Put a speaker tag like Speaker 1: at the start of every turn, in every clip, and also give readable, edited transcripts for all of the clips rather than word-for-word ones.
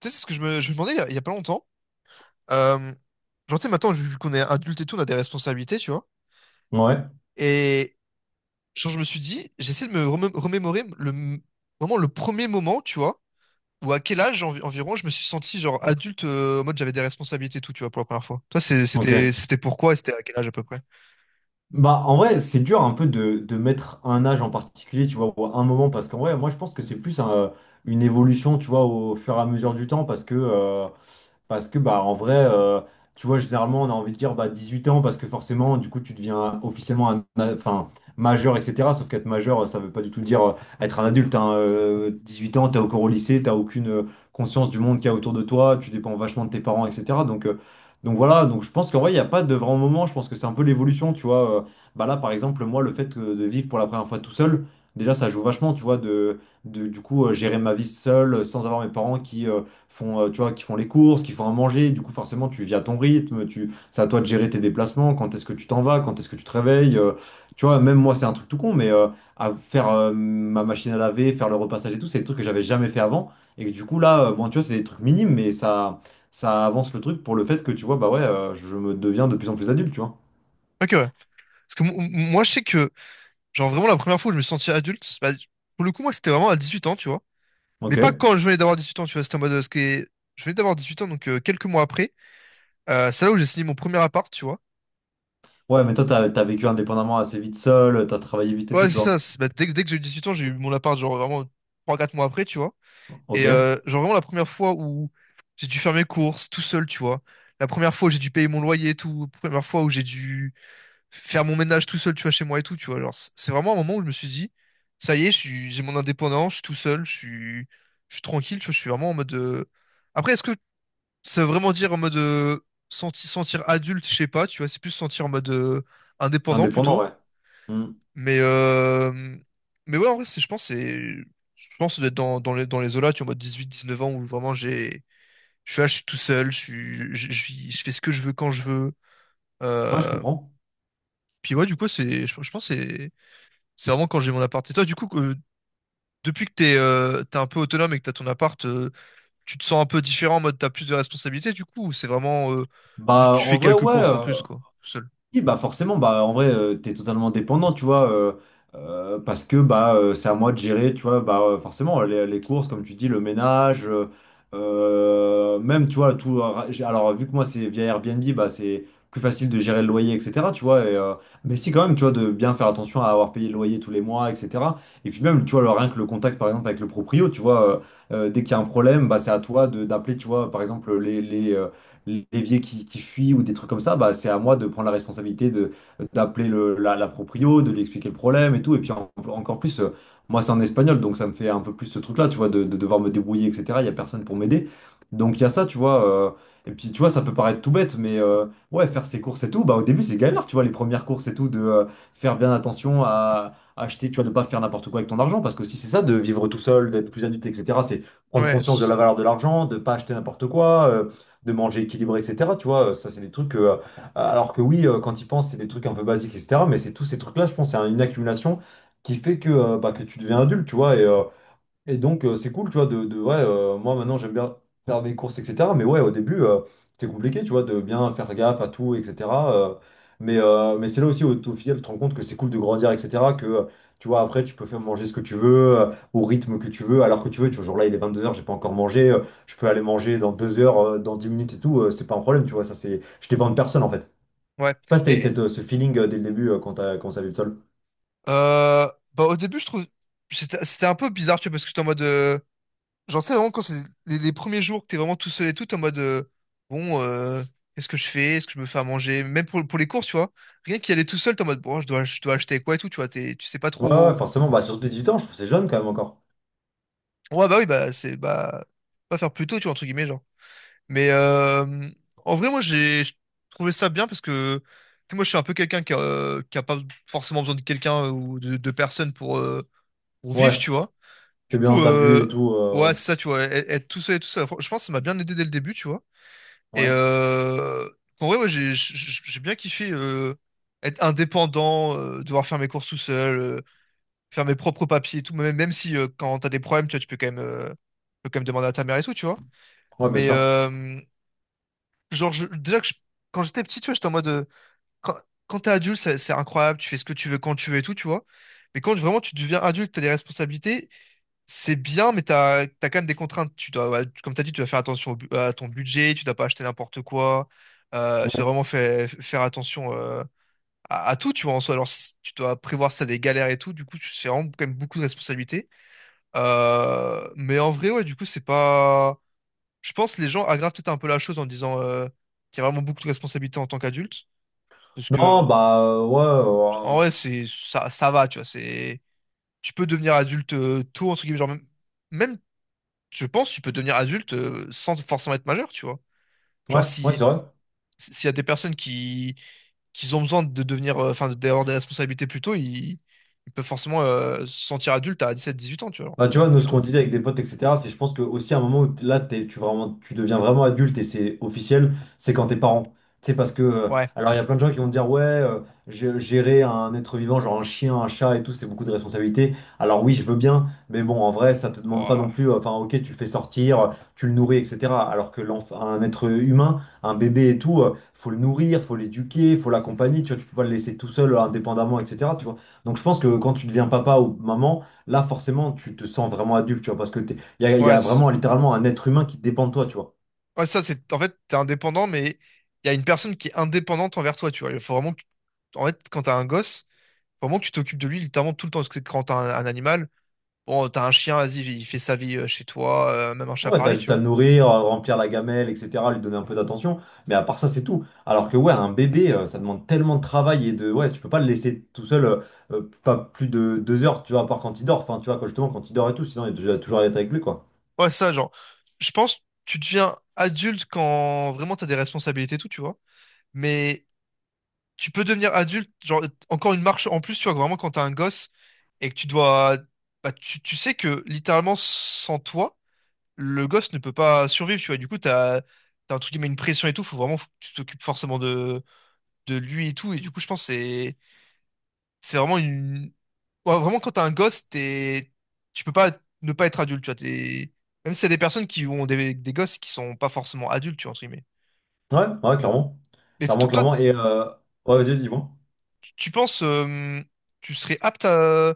Speaker 1: Tu sais, c'est ce que je me demandais il y a pas longtemps. Euh, genre, tu sais, maintenant, vu qu'on est adulte et tout, on a des responsabilités, tu vois.
Speaker 2: Ouais,
Speaker 1: Et genre, je me suis dit, j'essaie de me remémorer vraiment le premier moment, tu vois, ou à quel âge environ je me suis senti genre adulte, en mode j'avais des responsabilités et tout, tu vois, pour la première fois. Toi,
Speaker 2: ok.
Speaker 1: c'était pourquoi et c'était à quel âge à peu près?
Speaker 2: Bah, en vrai, c'est dur un peu de mettre un âge en particulier, tu vois, ou un moment, parce qu'en vrai, moi, je pense que c'est plus une évolution, tu vois, au fur et à mesure du temps. Parce que, bah, en vrai, tu vois, généralement, on a envie de dire bah, 18 ans parce que forcément, du coup, tu deviens officiellement un, enfin, majeur, etc. Sauf qu'être majeur, ça veut pas du tout dire être un adulte, hein. 18 ans, t'es encore au lycée, t'as aucune conscience du monde qu'il y a autour de toi, tu dépends vachement de tes parents, etc. Donc, voilà, donc je pense qu'en vrai, il n'y a pas de grand moment. Je pense que c'est un peu l'évolution, tu vois. Bah là, par exemple, moi, le fait de vivre pour la première fois tout seul, déjà, ça joue vachement, tu vois, gérer ma vie seule sans avoir mes parents qui font, tu vois, qui font les courses, qui font à manger. Du coup, forcément, tu vis à ton rythme. Tu, c'est à toi de gérer tes déplacements. Quand est-ce que tu t'en vas? Quand est-ce que tu te réveilles? Tu vois, même moi, c'est un truc tout con, mais à faire ma machine à laver, faire le repassage et tout, c'est des trucs que j'avais jamais fait avant. Et que du coup, là, bon, tu vois, c'est des trucs minimes, mais ça avance le truc pour le fait que tu vois, bah ouais, je me deviens de plus en plus adulte, tu vois.
Speaker 1: Ok, ouais. Parce que m- Moi, je sais que, genre, vraiment, la première fois où je me suis senti adulte, bah, pour le coup, moi, c'était vraiment à 18 ans, tu vois. Mais pas
Speaker 2: Ok.
Speaker 1: quand je venais d'avoir 18 ans, tu vois, c'était en mode, Je venais d'avoir 18 ans, donc quelques mois après. C'est là où j'ai signé mon premier appart, tu vois.
Speaker 2: Ouais, mais toi, t'as vécu indépendamment assez vite seul, t'as travaillé vite et tout,
Speaker 1: Ouais,
Speaker 2: tu
Speaker 1: c'est ça.
Speaker 2: vois.
Speaker 1: c'est bah, dès que j'ai eu 18 ans, j'ai eu mon appart, genre vraiment 3 4 mois après, tu vois. Et
Speaker 2: Ok.
Speaker 1: genre vraiment la première fois où j'ai dû faire mes courses tout seul, tu vois. La première fois où j'ai dû payer mon loyer et tout. La première fois où j'ai dû faire mon ménage tout seul, tu vois, chez moi et tout, tu vois. Genre, c'est vraiment un moment où je me suis dit, ça y est, j'ai mon indépendance, je suis tout seul, je suis tranquille, tu vois. Je suis vraiment en mode. Après, est-ce que ça veut vraiment dire en mode sentir adulte, je sais pas, tu vois. C'est plus sentir en mode indépendant
Speaker 2: Indépendant,
Speaker 1: plutôt.
Speaker 2: ouais. Hmm.
Speaker 1: Mais, euh, mais ouais, en vrai, je pense d'être dans les eaux-là, tu vois, en mode 18 19 ans, où vraiment je suis là, je suis tout seul, je fais ce que je veux quand je veux.
Speaker 2: Ouais, je
Speaker 1: Euh,
Speaker 2: comprends.
Speaker 1: puis ouais, du coup, je pense, que c'est vraiment quand j'ai mon appart. Et toi, du coup, depuis que t'es un peu autonome et que t'as ton appart, tu te sens un peu différent, en mode t'as plus de responsabilités, du coup, ou c'est vraiment, juste
Speaker 2: Bah,
Speaker 1: tu
Speaker 2: en
Speaker 1: fais
Speaker 2: vrai,
Speaker 1: quelques
Speaker 2: ouais,
Speaker 1: courses en plus, quoi, tout seul.
Speaker 2: oui, bah forcément, bah en vrai, t'es totalement dépendant, tu vois, parce que bah c'est à moi de gérer, tu vois, bah forcément les courses, comme tu dis, le ménage, même tu vois tout. Alors vu que moi c'est via Airbnb, bah c'est plus facile de gérer le loyer, etc. Tu vois, et, mais si quand même, tu vois, de bien faire attention à avoir payé le loyer tous les mois, etc. Et puis même, tu vois, rien que le contact par exemple avec le proprio, tu vois, dès qu'il y a un problème, bah c'est à toi de d'appeler, tu vois, par exemple les l'évier qui fuit ou des trucs comme ça, bah, c'est à moi de prendre la responsabilité de d'appeler la proprio, de lui expliquer le problème et tout. Et puis encore plus, moi c'est en espagnol, donc ça me fait un peu plus ce truc-là, tu vois, de devoir me débrouiller, etc. Il n'y a personne pour m'aider. Donc il y a ça, tu vois. Et puis tu vois, ça peut paraître tout bête, mais ouais, faire ses courses et tout, bah au début c'est galère, tu vois, les premières courses et tout, de faire bien attention à acheter, tu vois, de pas faire n'importe quoi avec ton argent, parce que si c'est ça, de vivre tout seul, d'être plus adulte, etc., c'est prendre
Speaker 1: Ouais,
Speaker 2: conscience de la valeur de l'argent, de pas acheter n'importe quoi, de manger équilibré, etc. Tu vois, ça, c'est des trucs que, alors que oui, quand ils pensent, c'est des trucs un peu basiques, etc. Mais c'est tous ces trucs-là, je pense, c'est une accumulation qui fait que, bah, que tu deviens adulte, tu vois. Et donc, c'est cool, tu vois, ouais, moi maintenant j'aime bien faire mes courses, etc. Mais ouais, au début, c'était compliqué, tu vois, de bien faire gaffe à tout, etc. Mais c'est là aussi, au final, tu te rends compte que c'est cool de grandir, etc. Que, tu vois, après, tu peux faire manger ce que tu veux, au rythme que tu veux, alors que tu veux, tu vois, genre là, il est 22 heures, j'ai pas encore mangé, je peux aller manger dans 2 heures, dans 10 minutes et tout, c'est pas un problème, tu vois, ça c'est, je dépends de personne en fait. Je
Speaker 1: ouais.
Speaker 2: sais pas si t'as eu
Speaker 1: Et,
Speaker 2: cette, ce feeling dès le début quand t'as commencé à vivre seul.
Speaker 1: Euh, Au début, je trouve, c'était un peu bizarre, tu vois, parce que j'étais en mode, genre, tu sais, vraiment, quand c'est les premiers jours que t'es vraiment tout seul et tout, t'es en mode, bon, qu'est-ce que je fais? Est-ce que je me fais à manger? Même pour les courses, tu vois, rien qu'y aller tout seul, t'es en mode, bon, je dois acheter quoi et tout, tu vois, t'es, tu sais pas
Speaker 2: Ouais, ouais,
Speaker 1: trop.
Speaker 2: forcément, bah surtout 18 ans, je trouve que c'est jeune quand même encore.
Speaker 1: Ouais, bah oui, bah, pas faire plus tôt, tu vois, entre guillemets, genre. Mais en vrai, moi, j'ai trouvé ça bien parce que, tu sais, moi, je suis un peu quelqu'un qui a pas forcément besoin de quelqu'un ou de personne pour
Speaker 2: Ouais.
Speaker 1: vivre, tu vois. Du
Speaker 2: T'es bien dans
Speaker 1: coup,
Speaker 2: ta bulle et tout, ouais.
Speaker 1: ouais, c'est ça, tu vois, être tout seul et tout ça. Je pense que ça m'a bien aidé dès le début, tu vois. Et
Speaker 2: Ouais,
Speaker 1: en vrai, ouais, j'ai bien kiffé être indépendant, devoir faire mes courses tout seul, faire mes propres papiers et tout, même si quand t'as des problèmes, tu vois, tu peux quand même demander à ta mère et tout, tu vois.
Speaker 2: ouais, bien
Speaker 1: Mais
Speaker 2: sûr.
Speaker 1: euh, genre, quand j'étais petit, tu vois, j'étais en mode, quand, quand t'es adulte, c'est incroyable, tu fais ce que tu veux quand tu veux et tout, tu vois. Mais quand vraiment tu deviens adulte, t'as des responsabilités. C'est bien, mais t'as quand même des contraintes. Tu dois, ouais, comme t'as dit, tu dois faire attention à ton budget, tu dois pas acheter n'importe quoi. Tu dois
Speaker 2: Ouais.
Speaker 1: vraiment faire attention à tout, tu vois, en soi. Alors, si tu dois prévoir ça des galères et tout, du coup, c'est vraiment quand même beaucoup de responsabilités. Mais en vrai, ouais, du coup, c'est pas. Je pense que les gens aggravent peut-être un peu la chose en disant qu'il y a vraiment beaucoup de responsabilités en tant qu'adulte. Parce que,
Speaker 2: Non, bah, ouais,
Speaker 1: en vrai, ça va, tu vois. C'est, tu peux devenir adulte tôt, entre guillemets, genre, même je pense que tu peux devenir adulte sans forcément être majeur, tu vois.
Speaker 2: ouais,
Speaker 1: Genre,
Speaker 2: ouais,
Speaker 1: si,
Speaker 2: c'est vrai.
Speaker 1: si, s'il y a des personnes qui ont besoin de devenir, enfin, d'avoir des responsabilités plus tôt, ils peuvent forcément se sentir adulte à 17-18 ans, tu vois, genre,
Speaker 2: Bah, tu vois,
Speaker 1: même
Speaker 2: nous,
Speaker 1: plus
Speaker 2: ce
Speaker 1: tôt.
Speaker 2: qu'on disait avec des potes, etc., c'est je pense que aussi à un moment où là, vraiment, tu deviens vraiment adulte et c'est officiel, c'est quand t'es parent. Tu sais, parce que,
Speaker 1: Ouais.
Speaker 2: alors il y a plein de gens qui vont te dire, ouais, gérer un être vivant, genre un chien, un chat et tout, c'est beaucoup de responsabilités. Alors oui, je veux bien, mais bon, en vrai, ça te demande pas non
Speaker 1: Ouah.
Speaker 2: plus, enfin, ok, tu le fais sortir, tu le nourris, etc. Alors que l'enfant, un être humain, un bébé et tout, faut le nourrir, faut l'éduquer, faut l'accompagner, tu vois, tu peux pas le laisser tout seul, indépendamment, etc., tu vois. Donc je pense que quand tu deviens papa ou maman, là, forcément, tu te sens vraiment adulte, tu vois, parce que il y a, il y
Speaker 1: Ouais,
Speaker 2: a vraiment littéralement un être humain qui dépend de toi, tu vois.
Speaker 1: ouais, ça, c'est, en fait, t'es indépendant, mais il y a une personne qui est indépendante envers toi, tu vois. Il faut vraiment que, en fait, quand t'as un gosse, faut vraiment que tu t'occupes de lui littéralement tout le temps. Parce que quand un animal, bon, t'as un chien, vas-y, il fait sa vie chez toi, même un chat
Speaker 2: Ouais, t'as
Speaker 1: pareil, tu
Speaker 2: juste à
Speaker 1: vois.
Speaker 2: le nourrir, remplir la gamelle, etc., lui donner un peu d'attention, mais à part ça, c'est tout. Alors que, ouais, un bébé, ça demande tellement de travail et de. Ouais, tu peux pas le laisser tout seul, pas plus de 2 heures, tu vois, à part quand il dort, enfin, tu vois, justement, quand il dort et tout, sinon, il doit toujours être avec lui, quoi.
Speaker 1: Ouais, ça, genre, je pense que tu deviens adulte quand vraiment t'as des responsabilités et tout, tu vois. Mais tu peux devenir adulte, genre, encore une marche en plus, tu vois, vraiment quand t'as un gosse et que tu dois. Bah, tu sais que littéralement, sans toi, le gosse ne peut pas survivre, tu vois. Du coup, t'as un truc qui met une pression et tout, faut que tu t'occupes forcément de lui et tout. Et du coup, je pense que c'est vraiment une, ouais, vraiment, quand t'es un gosse, t'es... tu peux pas ne pas être adulte, tu vois. T'es... Même si c'est des personnes qui ont des gosses qui sont pas forcément adultes, tu vois, entre guillemets.
Speaker 2: Ouais, ouais, clairement.
Speaker 1: Mais
Speaker 2: Clairement,
Speaker 1: to- toi,
Speaker 2: clairement. Et, ouais, vas-y, vas-y, dis-moi.
Speaker 1: tu penses, tu serais apte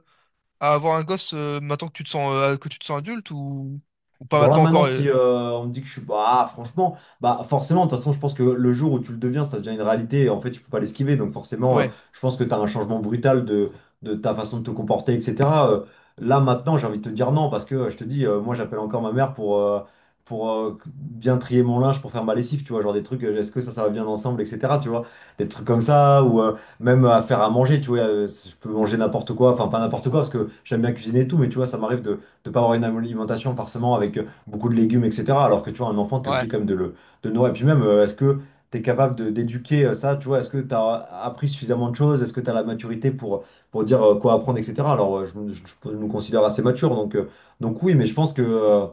Speaker 1: à avoir un gosse maintenant que tu te sens, que tu te sens adulte ou pas
Speaker 2: Genre là
Speaker 1: maintenant
Speaker 2: maintenant
Speaker 1: encore
Speaker 2: si on me dit que je suis bah franchement bah forcément de toute façon je pense que le jour où tu le deviens ça devient une réalité et en fait tu peux pas l'esquiver donc forcément
Speaker 1: ouais,
Speaker 2: je pense que tu as un changement brutal de ta façon de te comporter etc. Euh, Là maintenant j'ai envie de te dire non parce que je te dis moi j'appelle encore ma mère pour bien trier mon linge pour faire ma lessive tu vois genre des trucs est-ce que ça va bien ensemble etc. tu vois des trucs comme ça ou même à faire à manger tu vois je peux manger n'importe quoi enfin pas n'importe quoi parce que j'aime bien cuisiner et tout mais tu vois ça m'arrive de pas avoir une alimentation forcément avec beaucoup de légumes, etc. Alors que tu vois, un enfant, tu es
Speaker 1: ouais.
Speaker 2: obligé quand même de le nourrir. Et puis même, est-ce que tu es capable d'éduquer ça, tu vois, est-ce que tu as appris suffisamment de choses, est-ce que tu as la maturité pour, dire quoi apprendre, etc. Alors, je nous considère assez matures, donc oui, mais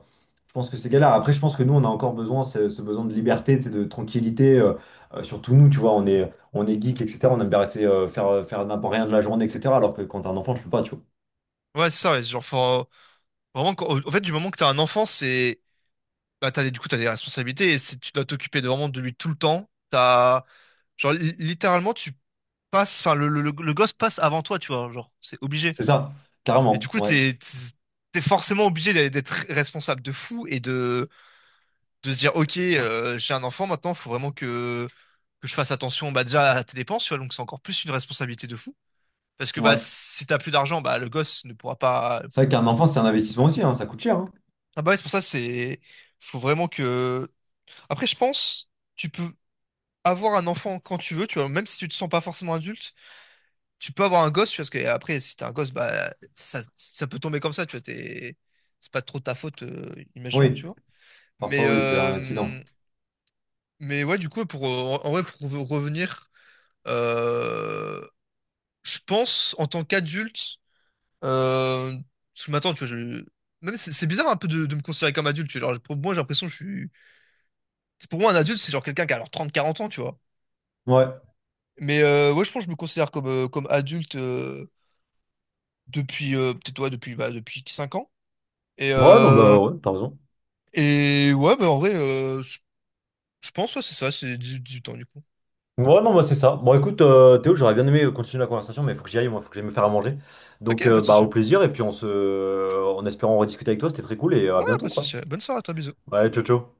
Speaker 2: je pense que c'est galère. Après, je pense que nous, on a encore besoin, ce besoin de liberté, tu sais, de tranquillité, surtout nous, tu vois, on est geek, etc. On aime bien rester, faire n'importe rien de la journée, etc. Alors que quand t'es un enfant, tu peux pas, tu vois.
Speaker 1: Ouais, c'est ça, ouais. Vraiment, en fait, du moment que t'as un enfant, c'est. Bah, t'as des responsabilités et tu dois t'occuper vraiment de lui tout le temps. T'as. Genre, littéralement, tu passe, enfin, le gosse passe avant toi, tu vois, genre, c'est obligé.
Speaker 2: C'est ça,
Speaker 1: Et du
Speaker 2: carrément,
Speaker 1: coup,
Speaker 2: ouais,
Speaker 1: t'es forcément obligé d'être responsable de fou et de se dire, ok, j'ai un enfant maintenant, que je fasse attention, bah, déjà à tes dépenses, tu vois, donc c'est encore plus une responsabilité de fou. Parce que, bah,
Speaker 2: ouais.
Speaker 1: si t'as plus d'argent, bah, le gosse ne pourra pas.
Speaker 2: C'est vrai qu'un enfant, c'est un investissement aussi, hein, ça coûte cher, hein.
Speaker 1: Ah, bah, ouais, c'est pour ça, c'est, faut vraiment que. Après, je pense, tu peux avoir un enfant quand tu veux, tu vois, même si tu te sens pas forcément adulte. Tu peux avoir un gosse, tu vois, parce que après, si t'es un gosse, bah, ça peut tomber comme ça, tu vois, t'es, c'est pas trop ta faute, imaginons,
Speaker 2: Oui,
Speaker 1: tu vois. Mais,
Speaker 2: parfois oui, c'est un accident.
Speaker 1: euh, mais ouais, du coup, pour, en vrai, pour revenir, euh, je pense, en tant qu'adulte, euh, parce que maintenant, tu vois, même, c'est bizarre un peu de me considérer comme adulte, tu vois. Genre, pour moi, j'ai l'impression que c'est pour moi, un adulte, c'est genre quelqu'un qui a alors 30, 40 ans, tu vois.
Speaker 2: Ouais.
Speaker 1: Mais ouais, je pense que je me considère comme adulte, depuis, peut-être, ouais, depuis 5 ans. Et,
Speaker 2: Ouais, non,
Speaker 1: euh,
Speaker 2: bah ouais, t'as raison.
Speaker 1: Et ouais, bah en vrai, je pense, ouais, c'est ça, c'est 18 ans du coup.
Speaker 2: Ouais, non, bah c'est ça. Bon, écoute, Théo, j'aurais bien aimé continuer la conversation, mais il faut que j'y aille, moi, il faut que j'aille me faire à manger.
Speaker 1: Ok,
Speaker 2: Donc,
Speaker 1: pas de
Speaker 2: bah,
Speaker 1: souci.
Speaker 2: au
Speaker 1: Hein.
Speaker 2: plaisir, et puis en espérant rediscuter avec toi, c'était très cool, et
Speaker 1: Ouais,
Speaker 2: à
Speaker 1: pas
Speaker 2: bientôt,
Speaker 1: de
Speaker 2: quoi.
Speaker 1: souci. Bonne soirée à toi, bisous.
Speaker 2: Ouais, ciao, ciao.